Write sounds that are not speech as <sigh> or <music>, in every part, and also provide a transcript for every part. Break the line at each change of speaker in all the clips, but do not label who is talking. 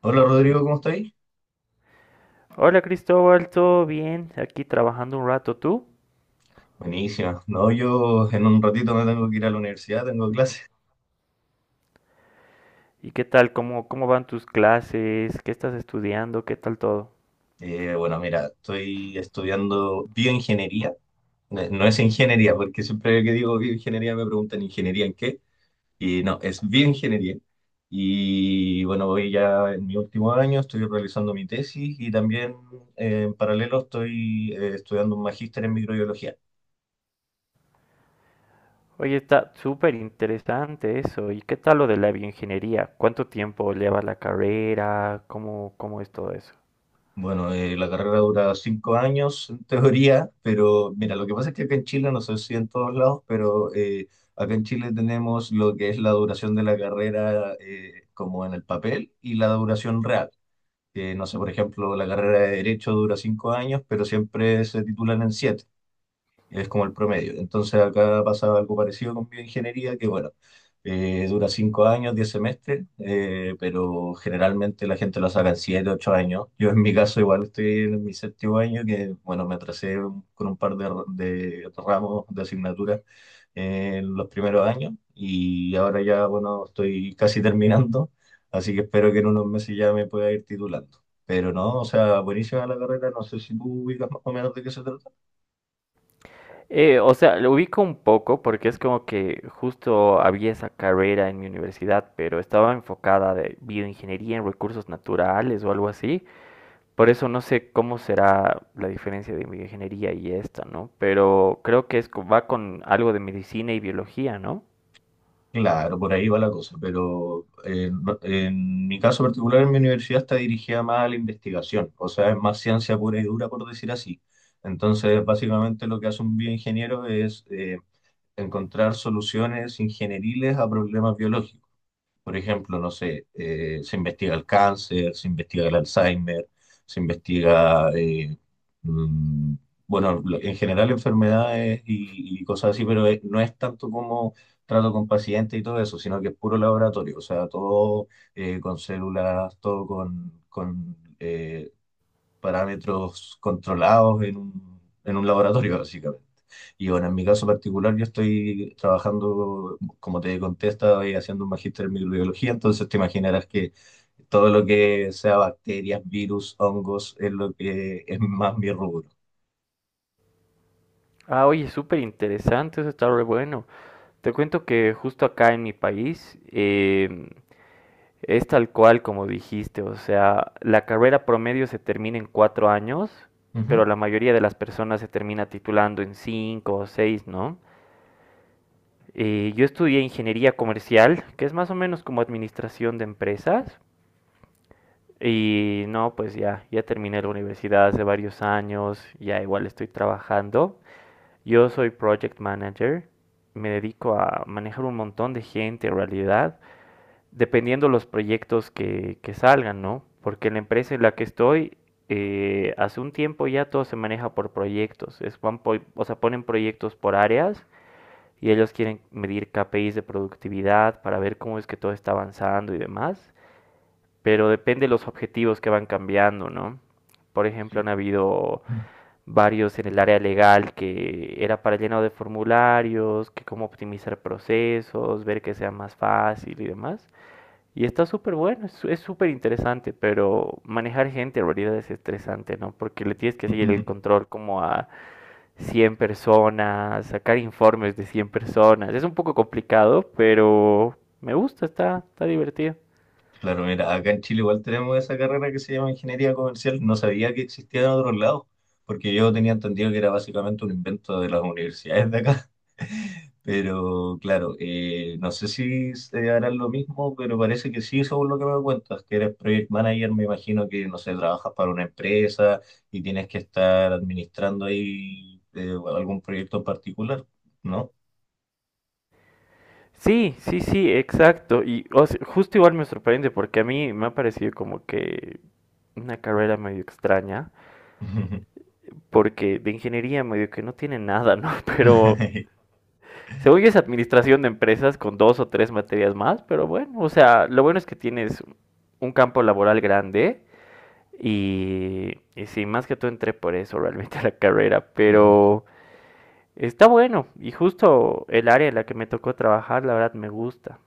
Hola Rodrigo, ¿cómo estáis?
Hola Cristóbal, ¿todo bien? Aquí trabajando un rato tú.
Buenísima. No, yo en un ratito me tengo que ir a la universidad, tengo clase.
¿Y qué tal? ¿Cómo van tus clases? ¿Qué estás estudiando? ¿Qué tal todo?
Bueno, mira, estoy estudiando bioingeniería. No es ingeniería, porque siempre que digo bioingeniería me preguntan ingeniería en qué. Y no, es bioingeniería. Y bueno, voy ya en mi último año, estoy realizando mi tesis y también en paralelo estoy estudiando un magíster en microbiología.
Oye, está súper interesante eso. ¿Y qué tal lo de la bioingeniería? ¿Cuánto tiempo lleva la carrera? ¿Cómo es todo eso?
Bueno, la carrera dura 5 años en teoría, pero mira, lo que pasa es que acá en Chile, no sé si en todos lados, pero acá en Chile tenemos lo que es la duración de la carrera como en el papel y la duración real. No sé, por ejemplo, la carrera de Derecho dura 5 años, pero siempre se titulan en 7, es como el promedio. Entonces acá pasa algo parecido con bioingeniería, que bueno, dura 5 años, 10 semestres, pero generalmente la gente lo saca en 7, 8 años. Yo en mi caso igual estoy en mi séptimo año, que bueno, me atrasé con un par de ramos de asignaturas en los primeros años y ahora ya, bueno, estoy casi terminando, así que espero que en unos meses ya me pueda ir titulando. Pero no, o sea, buenísima la carrera, no sé si tú ubicas más o menos de qué se trata.
O sea, lo ubico un poco porque es como que justo había esa carrera en mi universidad, pero estaba enfocada de bioingeniería en recursos naturales o algo así. Por eso no sé cómo será la diferencia de bioingeniería y esta, ¿no? Pero creo que es, va con algo de medicina y biología, ¿no?
Claro, por ahí va la cosa, pero en mi caso particular en mi universidad está dirigida más a la investigación, o sea, es más ciencia pura y dura, por decir así. Entonces, básicamente lo que hace un bioingeniero es encontrar soluciones ingenieriles a problemas biológicos. Por ejemplo, no sé, se investiga el cáncer, se investiga el Alzheimer, se investiga, mm, bueno, en general enfermedades y cosas así, pero no es tanto como trato con pacientes y todo eso, sino que es puro laboratorio, o sea, todo con células, todo con parámetros controlados en en un laboratorio, <laughs> básicamente. Y bueno, en mi caso particular, yo estoy trabajando, como te conté, estoy haciendo un magíster en microbiología, entonces te imaginarás que todo lo que sea bacterias, virus, hongos, es lo que es más mi rubro.
Ah, oye, súper interesante, eso está re bueno. Te cuento que justo acá en mi país es tal cual como dijiste, o sea, la carrera promedio se termina en 4 años,
Ujú.
pero la mayoría de las personas se termina titulando en 5 o 6, ¿no? Yo estudié ingeniería comercial, que es más o menos como administración de empresas. Y no, pues ya terminé la universidad hace varios años, ya igual estoy trabajando. Yo soy project manager, me dedico a manejar un montón de gente en realidad, dependiendo los proyectos que salgan, ¿no? Porque la empresa en la que estoy, hace un tiempo ya todo se maneja por proyectos, o sea, ponen proyectos por áreas y ellos quieren medir KPIs de productividad para ver cómo es que todo está avanzando y demás, pero depende de los objetivos que van cambiando, ¿no? Por ejemplo, han habido varios en el área legal que era para el de formularios, que cómo optimizar procesos, ver que sea más fácil y demás. Y está súper bueno, es súper interesante, pero manejar gente en realidad es estresante, ¿no? Porque le tienes que seguir el
<laughs>
control como a 100 personas, sacar informes de 100 personas. Es un poco complicado, pero me gusta, está divertido.
Claro, mira, acá en Chile igual tenemos esa carrera que se llama ingeniería comercial. No sabía que existía en otros lados, porque yo tenía entendido que era básicamente un invento de las universidades de acá. <laughs> Pero claro, no sé si se harán lo mismo, pero parece que sí, según lo que me cuentas, que eres project manager, me imagino que, no sé, trabajas para una empresa y tienes que estar administrando ahí algún proyecto en particular, ¿no?
Sí, sí, sí, exacto. Y o sea, justo igual me sorprende porque a mí me ha parecido como que una carrera medio extraña,
<laughs>
porque de ingeniería medio que no tiene nada, ¿no? <laughs> Pero
<laughs>
según yo es administración de empresas con dos o tres materias más, pero bueno, o sea, lo bueno es que tienes un campo laboral grande y sí, más que todo entré por eso realmente <laughs> a la carrera, pero está bueno y justo el área en la que me tocó trabajar, la verdad me gusta.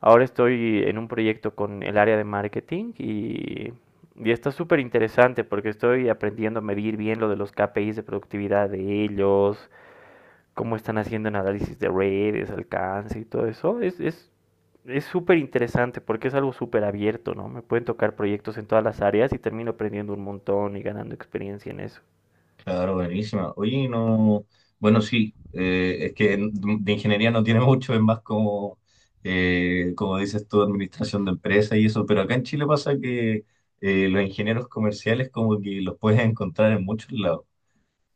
Ahora estoy en un proyecto con el área de marketing y está súper interesante porque estoy aprendiendo a medir bien lo de los KPIs de productividad de ellos, cómo están haciendo en análisis de redes, alcance y todo eso. Es súper interesante porque es algo súper abierto, ¿no? Me pueden tocar proyectos en todas las áreas y termino aprendiendo un montón y ganando experiencia en eso.
Claro, buenísima. Oye, no, bueno, sí, es que de ingeniería no tiene <laughs> mucho, es más como, como dices tú, administración de empresas y eso, pero acá en Chile pasa que los ingenieros comerciales como que los puedes encontrar en muchos lados.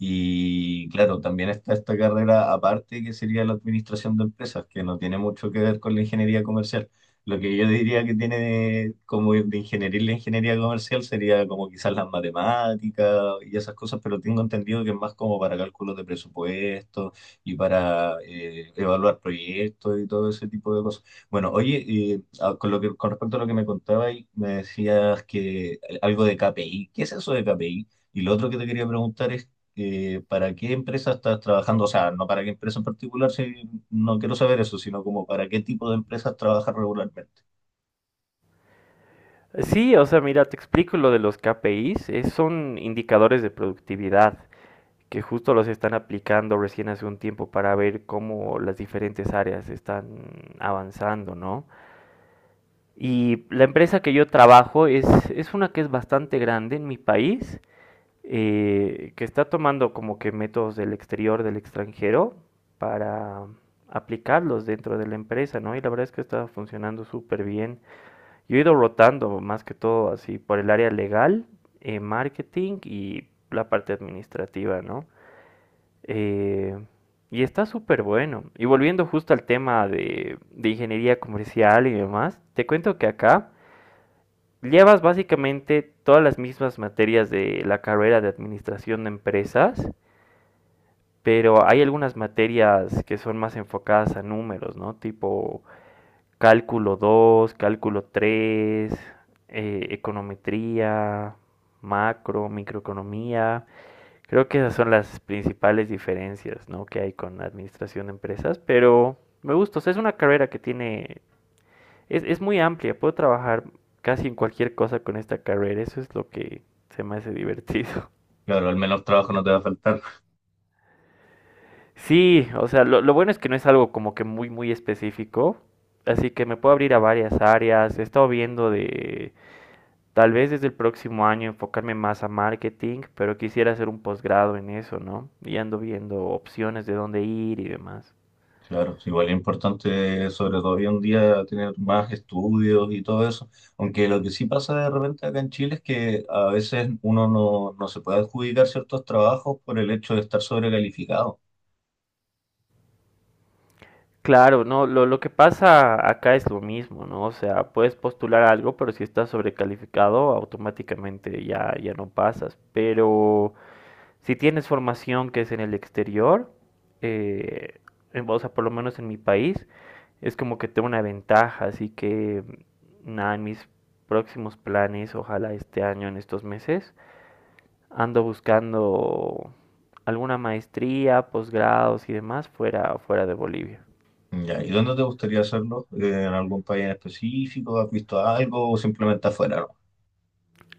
Y claro, también está esta carrera aparte que sería la administración de empresas, que no tiene mucho que ver con la ingeniería comercial. Lo que yo diría que tiene como de ingeniería y la ingeniería comercial sería como quizás las matemáticas y esas cosas, pero tengo entendido que es más como para cálculos de presupuesto y para evaluar proyectos y todo ese tipo de cosas. Bueno, oye, con lo que, con respecto a lo que me contabas, me decías que algo de KPI. ¿Qué es eso de KPI? Y lo otro que te quería preguntar es ¿para qué empresa estás trabajando? O sea, no para qué empresa en particular, si no quiero saber eso, sino como para qué tipo de empresas trabajas regularmente.
Sí, o sea, mira, te explico lo de los KPIs. Es- son indicadores de productividad, que justo los están aplicando recién hace un tiempo para ver cómo las diferentes áreas están avanzando, ¿no? Y la empresa que yo trabajo es una que es bastante grande en mi país, que está tomando como que métodos del exterior, del extranjero, para aplicarlos dentro de la empresa, ¿no? Y la verdad es que está funcionando súper bien. Yo he ido rotando más que todo así por el área legal, marketing y la parte administrativa, ¿no? Eh, y está súper bueno. Y volviendo justo al tema de ingeniería comercial y demás, te cuento que acá llevas básicamente todas las mismas materias de la carrera de administración de empresas, pero hay algunas materias que son más enfocadas a números, ¿no? Tipo cálculo 2, cálculo 3, econometría, macro, microeconomía. Creo que esas son las principales diferencias, ¿no?, que hay con la administración de empresas, pero me gusta, o sea, es una carrera que tiene, es muy amplia, puedo trabajar casi en cualquier cosa con esta carrera, eso es lo que se me hace divertido. <laughs>
Claro, al menos trabajo no te va a faltar.
Sí, o sea, lo bueno es que no es algo como que muy, muy específico, así que me puedo abrir a varias áreas, he estado viendo tal vez desde el próximo año enfocarme más a marketing, pero quisiera hacer un posgrado en eso, ¿no? Y ando viendo opciones de dónde ir y demás.
Claro, igual es importante, sobre todo hoy en día, tener más estudios y todo eso. Aunque lo que sí pasa de repente acá en Chile es que a veces uno no, no se puede adjudicar ciertos trabajos por el hecho de estar sobrecalificado.
Claro, no, lo que pasa acá es lo mismo, ¿no? O sea, puedes postular algo, pero si estás sobrecalificado, automáticamente ya no pasas. Pero si tienes formación que es en el exterior, eh, o sea, por lo menos en mi país, es como que tengo una ventaja. Así que, nada, en mis próximos planes, ojalá este año, en estos meses, ando buscando alguna maestría, posgrados y demás fuera, fuera de Bolivia.
Ya, ¿y dónde te gustaría hacerlo? ¿En algún país en específico? ¿Has visto algo o simplemente afuera,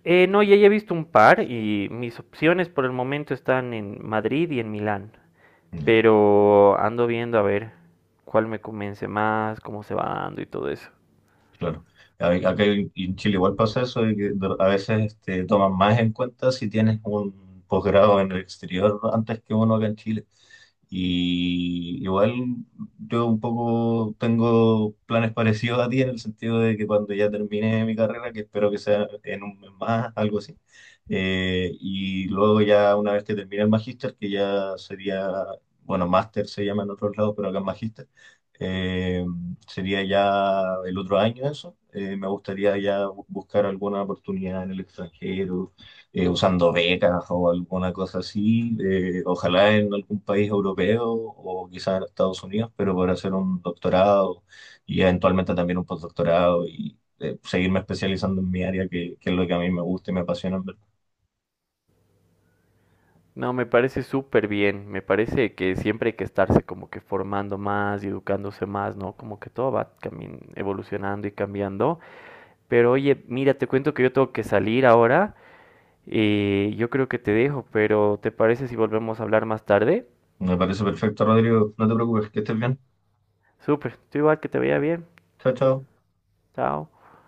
No, ya he visto un par y mis opciones por el momento están en Madrid y en Milán.
no?
Pero ando viendo a ver cuál me convence más, cómo se va dando y todo eso.
Claro. A- Acá en Chile igual pasa eso, de que a veces este, toman más en cuenta si tienes un posgrado en el exterior antes que uno acá en Chile. Y igual yo un poco tengo planes parecidos a ti en el sentido de que cuando ya termine mi carrera, que espero que sea en un mes más, algo así, y luego ya una vez que termine el magíster, que ya sería, bueno, máster se llama en otros lados, pero acá es magíster, eh, sería ya el otro año eso. Me gustaría ya buscar alguna oportunidad en el extranjero, usando becas o alguna cosa así. Ojalá en algún país europeo o quizás en Estados Unidos, pero para hacer un doctorado y eventualmente también un postdoctorado y seguirme especializando en mi área, que es lo que a mí me gusta y me apasiona. En verdad.
No, me parece súper bien. Me parece que siempre hay que estarse como que formando más y educándose más, ¿no? Como que todo va evolucionando y cambiando. Pero oye, mira, te cuento que yo tengo que salir ahora. Yo creo que te dejo, pero ¿te parece si volvemos a hablar más tarde?
Me parece perfecto, Rodrigo. No te preocupes, que estés bien.
Súper, tú igual que te vaya bien.
Chao, chao.
Chao.